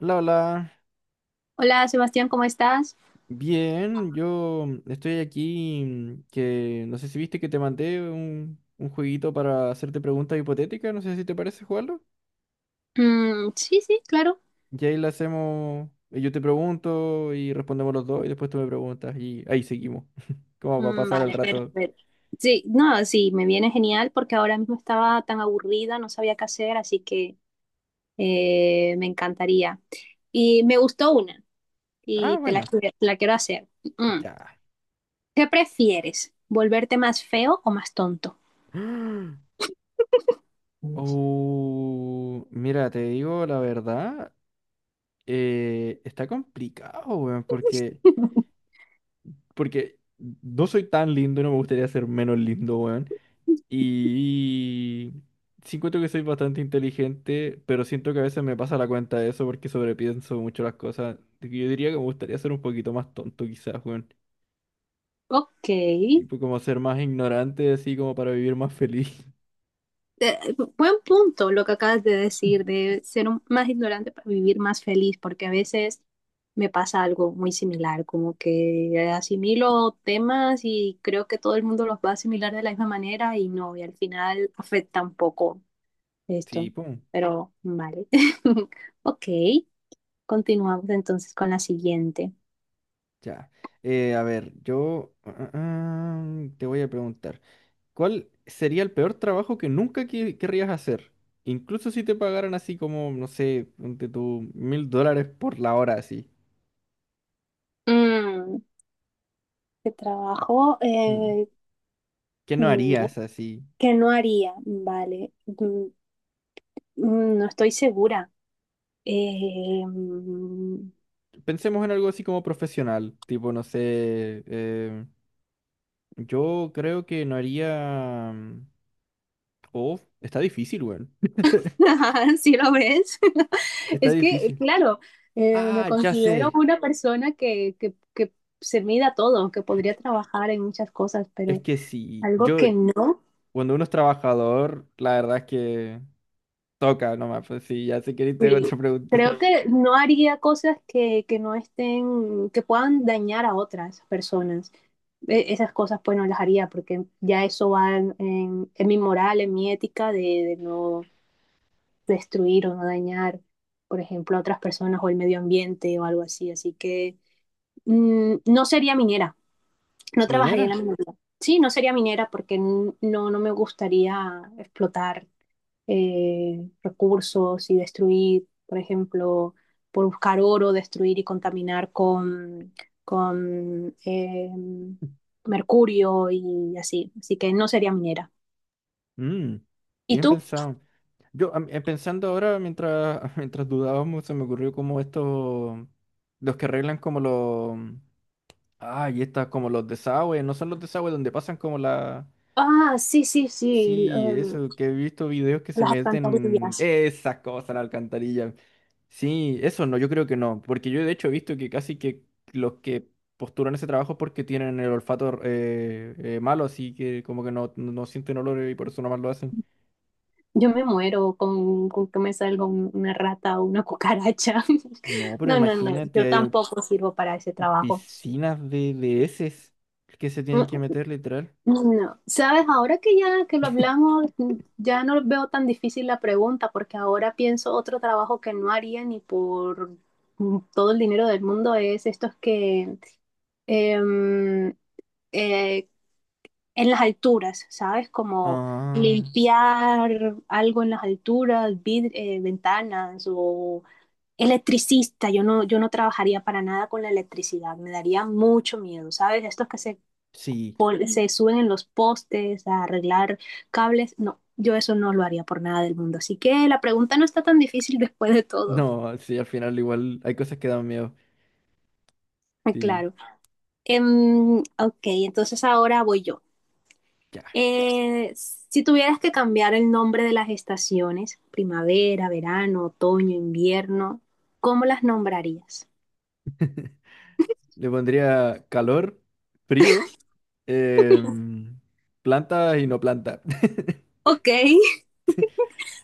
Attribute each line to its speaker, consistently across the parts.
Speaker 1: Hola, hola.
Speaker 2: Hola, Sebastián, ¿cómo estás?
Speaker 1: Bien, yo estoy aquí que no sé si viste que te mandé un jueguito para hacerte preguntas hipotéticas, no sé si te parece jugarlo.
Speaker 2: Mm, sí, sí, claro.
Speaker 1: Y ahí le hacemos, y yo te pregunto y respondemos los dos y después tú me preguntas y ahí seguimos. ¿Cómo va a
Speaker 2: Mm,
Speaker 1: pasar el
Speaker 2: vale,
Speaker 1: rato?
Speaker 2: perfecto. Sí, no, sí, me viene genial porque ahora mismo estaba tan aburrida, no sabía qué hacer, así que me encantaría. Y me gustó una
Speaker 1: Ah,
Speaker 2: y
Speaker 1: bueno,
Speaker 2: te la quiero hacer. Mm.
Speaker 1: ya.
Speaker 2: ¿Qué prefieres? ¿Volverte más feo o más tonto?
Speaker 1: Oh, mira, te digo la verdad, está complicado, weón, porque... Porque no soy tan lindo y no me gustaría ser menos lindo, weón. Y sí encuentro que soy bastante inteligente, pero siento que a veces me pasa la cuenta de eso porque sobrepienso mucho las cosas. Así que yo diría que me gustaría ser un poquito más tonto quizás, weón.
Speaker 2: Ok.
Speaker 1: Tipo como ser más ignorante, así como para vivir más feliz.
Speaker 2: Buen punto lo que acabas de decir, de ser más ignorante para vivir más feliz, porque a veces me pasa algo muy similar, como que asimilo temas y creo que todo el mundo los va a asimilar de la misma manera y no, y al final afecta un poco
Speaker 1: Sí,
Speaker 2: esto,
Speaker 1: pum.
Speaker 2: pero vale. Ok, continuamos entonces con la siguiente.
Speaker 1: Ya. A ver, yo te voy a preguntar. ¿Cuál sería el peor trabajo que nunca que- querrías hacer? Incluso si te pagaran así como, no sé, ponte tú $1.000 por la hora así.
Speaker 2: Mm, ¿Qué trabajo?
Speaker 1: Mm. ¿Qué no
Speaker 2: Mm,
Speaker 1: harías así?
Speaker 2: ¿Qué no haría? Vale, no estoy segura. Eh,
Speaker 1: Pensemos en algo así como profesional, tipo, no sé, yo creo que no haría... oh, está difícil, weón.
Speaker 2: si lo ves,
Speaker 1: Está
Speaker 2: es que,
Speaker 1: difícil.
Speaker 2: claro, me
Speaker 1: Ah, ya
Speaker 2: considero
Speaker 1: sé.
Speaker 2: una persona que se mida todo, que podría trabajar en muchas cosas,
Speaker 1: Es
Speaker 2: pero
Speaker 1: que sí,
Speaker 2: algo
Speaker 1: yo,
Speaker 2: que no,
Speaker 1: cuando uno es trabajador, la verdad es que toca nomás, pues sí, ya sé que ni tengo
Speaker 2: sí,
Speaker 1: otra pregunta.
Speaker 2: creo que no haría cosas que no estén, que puedan dañar a otras personas. Esas cosas pues no las haría porque ya eso va en, en mi moral, en mi ética de, no destruir o no dañar, por ejemplo, a otras personas o el medio ambiente o algo así. Así que no sería minera, no trabajaría
Speaker 1: ¿Minera?
Speaker 2: en la minería. Sí, no sería minera porque no, no me gustaría explotar recursos y destruir, por ejemplo, por buscar oro, destruir y contaminar con mercurio y así. Así que no sería minera.
Speaker 1: Mm,
Speaker 2: ¿Y
Speaker 1: bien
Speaker 2: tú?
Speaker 1: pensado. Yo pensando ahora, mientras, mientras dudábamos, se me ocurrió como estos, los que arreglan como los, ay, estas como los desagües, no son los desagües donde pasan como la,
Speaker 2: Ah, sí, sí, sí,
Speaker 1: sí, eso, que he visto videos que se
Speaker 2: las
Speaker 1: meten,
Speaker 2: alcantarillas.
Speaker 1: esas cosas, la alcantarilla. Sí, eso no, yo creo que no, porque yo de hecho he visto que casi que los que postulan ese trabajo es porque tienen el olfato malo, así que como que no, no sienten olor y por eso nomás lo hacen.
Speaker 2: Yo me muero con que me salga una rata o una cucaracha.
Speaker 1: No, pero
Speaker 2: No, no, no, yo
Speaker 1: imagínate,
Speaker 2: tampoco sirvo para ese trabajo.
Speaker 1: piscinas de heces que se tienen que
Speaker 2: Mm,
Speaker 1: meter literal.
Speaker 2: no, no. Sabes, ahora que ya que lo hablamos, ya no veo tan difícil la pregunta, porque ahora pienso otro trabajo que no haría ni por todo el dinero del mundo es estos que em, eh, en las alturas, ¿sabes? Como
Speaker 1: Ah,
Speaker 2: limpiar algo en las alturas, ventanas o electricista. Yo no, trabajaría para nada con la electricidad, me daría mucho miedo, ¿sabes? Estos que
Speaker 1: sí.
Speaker 2: sí, se suben en los postes a arreglar cables. No, yo eso no lo haría por nada del mundo. Así que la pregunta no está tan difícil después de todo.
Speaker 1: No, sí, al final igual hay cosas que dan miedo.
Speaker 2: Ah,
Speaker 1: Sí,
Speaker 2: claro. Ok, entonces ahora voy yo.
Speaker 1: ya.
Speaker 2: Si tuvieras que cambiar el nombre de las estaciones, primavera, verano, otoño, invierno, ¿cómo las nombrarías?
Speaker 1: Le pondría calor, frío, em, planta y no planta.
Speaker 2: Ok.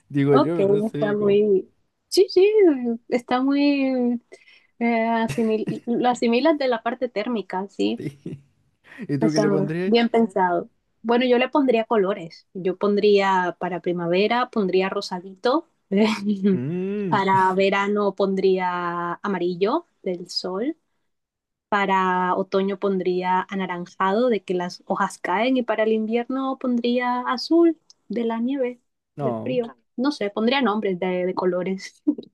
Speaker 1: Digo
Speaker 2: Ok,
Speaker 1: yo, no
Speaker 2: está
Speaker 1: sé cómo.
Speaker 2: muy... Sí, sí, está muy... Lo asimilas de la parte térmica, sí.
Speaker 1: ¿Y tú qué
Speaker 2: Está
Speaker 1: le pondrías?
Speaker 2: bien pensado. Bueno, yo le pondría colores. Yo pondría para primavera, pondría rosadito.
Speaker 1: Mm,
Speaker 2: Para verano pondría amarillo del sol. Para otoño pondría anaranjado de que las hojas caen y para el invierno pondría azul de la nieve, del
Speaker 1: no,
Speaker 2: frío. No sé, pondría nombres de colores.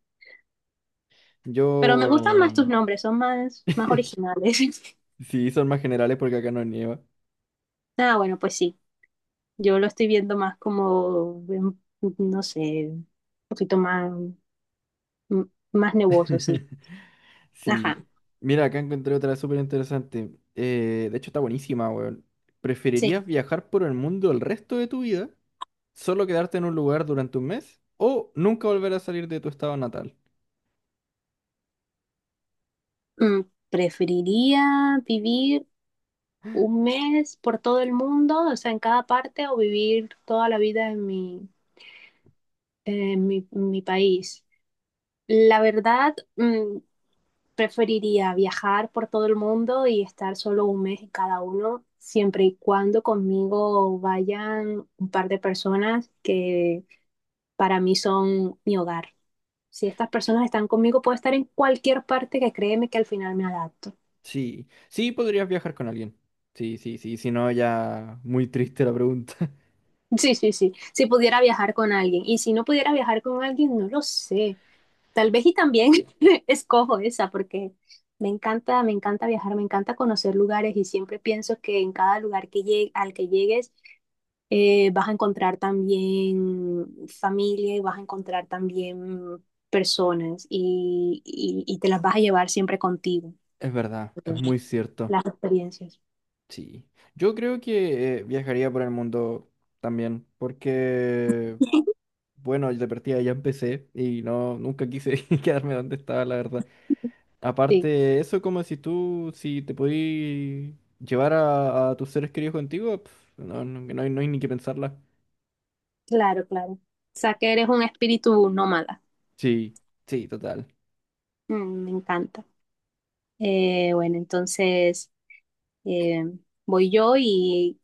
Speaker 2: Pero me gustan más tus
Speaker 1: yo...
Speaker 2: nombres, son más, más originales.
Speaker 1: Sí, son más generales porque acá no nieva.
Speaker 2: Ah, bueno, pues sí. Yo lo estoy viendo más como, no sé, un poquito más, m- más nebuloso, sí.
Speaker 1: Sí.
Speaker 2: Ajá,
Speaker 1: Mira, acá encontré otra súper interesante. De hecho, está buenísima, weón.
Speaker 2: sí.
Speaker 1: ¿Preferirías viajar por el mundo el resto de tu vida, solo quedarte en un lugar durante un mes, o nunca volver a salir de tu estado natal?
Speaker 2: Mm, Preferiría vivir un mes por todo el mundo, o sea, en cada parte, o vivir toda la vida en mi, en mi país. La verdad, preferiría viajar por todo el mundo y estar solo un mes en cada uno, siempre y cuando conmigo vayan un par de personas que para mí son mi hogar. Si estas personas están conmigo, puedo estar en cualquier parte, que créeme que al final me adapto.
Speaker 1: Sí, sí podrías viajar con alguien. Sí, sí, sí, si no, ya muy triste la pregunta.
Speaker 2: Sí, sí, sí. Si pudiera viajar con alguien. Y si no pudiera viajar con alguien, no lo sé. Tal vez, y también escojo esa porque me encanta viajar, me encanta conocer lugares y siempre pienso que en cada lugar que llegue, al que llegues vas a encontrar también familia y vas a encontrar también personas y, y te las vas a llevar siempre contigo,
Speaker 1: Es verdad, es muy cierto.
Speaker 2: las experiencias.
Speaker 1: Sí, yo creo que viajaría por el mundo también, porque, bueno, de partida ya empecé y no, nunca quise quedarme donde estaba, la verdad.
Speaker 2: Sí,
Speaker 1: Aparte, eso como si tú, si te podí llevar a tus seres queridos contigo, pf, no, no, no hay, no hay ni que pensarla.
Speaker 2: claro, claro. O sea que eres un espíritu nómada.
Speaker 1: Sí, sí, total.
Speaker 2: Me encanta. Bueno, entonces eh, voy yo y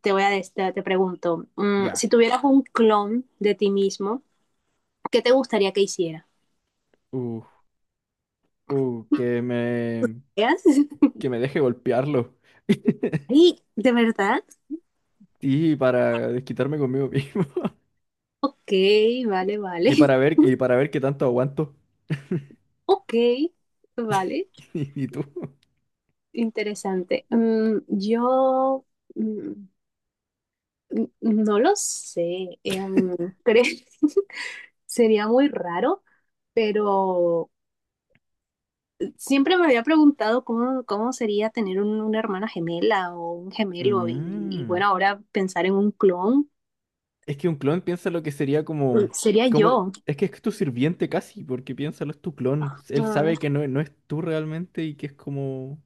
Speaker 2: te voy a des- te pregunto,
Speaker 1: Ya.
Speaker 2: si tuvieras un clon de ti mismo, ¿qué te gustaría que hiciera?
Speaker 1: Uh, uh, que me,
Speaker 2: ¿Veas?
Speaker 1: que me deje golpearlo.
Speaker 2: Ay, ¿de verdad?
Speaker 1: Sí, para desquitarme conmigo mismo.
Speaker 2: Ok, vale, vale.
Speaker 1: Y para ver qué tanto aguanto.
Speaker 2: Ok, vale.
Speaker 1: Y, y tú.
Speaker 2: Interesante. Yo mm, no lo sé. Creo sería muy raro, pero siempre me había preguntado cómo sería tener una hermana gemela o un gemelo y,
Speaker 1: Mm.
Speaker 2: bueno, ahora pensar en un clon.
Speaker 1: Es que un clon piensa lo que sería
Speaker 2: Sería
Speaker 1: como,
Speaker 2: yo,
Speaker 1: es que es tu sirviente casi, porque piénsalo, es tu clon. Él sabe
Speaker 2: ah,
Speaker 1: que no, no es tú realmente y que es como,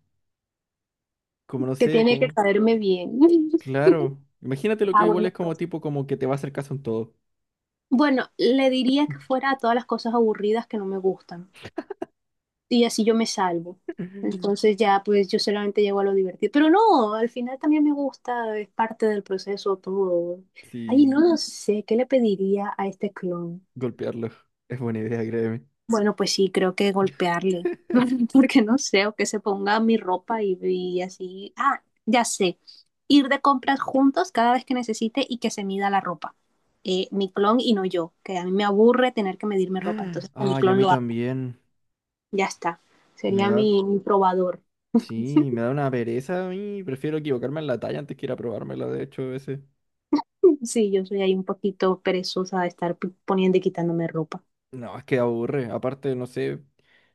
Speaker 1: como no
Speaker 2: que
Speaker 1: sé,
Speaker 2: tiene que
Speaker 1: como,
Speaker 2: caerme bien.
Speaker 1: claro. Imagínate lo que
Speaker 2: Ah,
Speaker 1: igual
Speaker 2: bueno,
Speaker 1: es como
Speaker 2: pues.
Speaker 1: tipo como que te va a hacer caso en todo.
Speaker 2: Bueno, le diría que fuera a todas las cosas aburridas que no me gustan. Y así yo me salvo. Entonces ya, pues yo solamente llego a lo divertido. Pero no, al final también me gusta, es parte del proceso todo. Ay, no
Speaker 1: Sí,
Speaker 2: lo sé, ¿qué le pediría a este clon?
Speaker 1: golpearlo. Es buena idea, créeme.
Speaker 2: Bueno, pues sí, creo que golpearle, porque no sé, o que se ponga mi ropa y, así. Ah, ya sé, ir de compras juntos cada vez que necesite y que se mida la ropa. Mi clon y no yo, que a mí me aburre tener que medirme ropa, entonces que mi
Speaker 1: Ay, a
Speaker 2: clon
Speaker 1: mí
Speaker 2: lo haga,
Speaker 1: también.
Speaker 2: ya está.
Speaker 1: Me
Speaker 2: Sería
Speaker 1: da,
Speaker 2: mi, probador.
Speaker 1: sí, me da una pereza a mí. Prefiero equivocarme en la talla antes que ir a probármela, de hecho, a veces.
Speaker 2: Sí, yo soy ahí un poquito perezosa de estar poniendo y quitándome ropa.
Speaker 1: No, es que aburre. Aparte, no sé,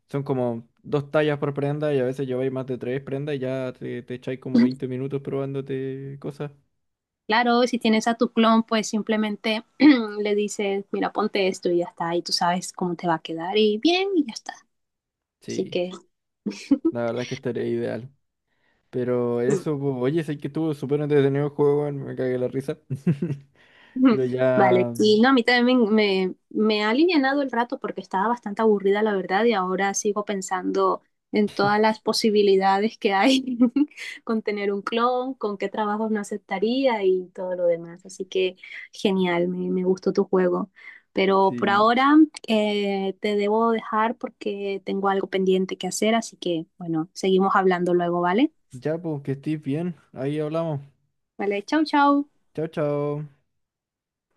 Speaker 1: son como dos tallas por prenda y a veces lleváis más de tres prendas y ya te echáis como 20 minutos probándote cosas.
Speaker 2: Claro, si tienes a tu clon, pues simplemente le dices, mira, ponte esto y ya está, y tú sabes cómo te va a quedar y bien, y ya está. Así
Speaker 1: Sí,
Speaker 2: que
Speaker 1: la verdad es que estaría ideal. Pero eso, pues, oye, sé que estuvo súper entretenido el juego, weón, me cagué la risa.
Speaker 2: Ujú.
Speaker 1: Pero
Speaker 2: Vale,
Speaker 1: ya,
Speaker 2: y no, a mí también me ha alivianado el rato porque estaba bastante aburrida, la verdad, y ahora sigo pensando en todas las posibilidades que hay con tener un clon, con qué trabajos no aceptaría y todo lo demás. Así que genial, me gustó tu juego. Pero por
Speaker 1: sí,
Speaker 2: ahora te debo dejar porque tengo algo pendiente que hacer, así que bueno, seguimos hablando luego, ¿vale?
Speaker 1: ya, pues, que estés bien. Ahí hablamos.
Speaker 2: Vale, chau, chau.
Speaker 1: Chao, chao.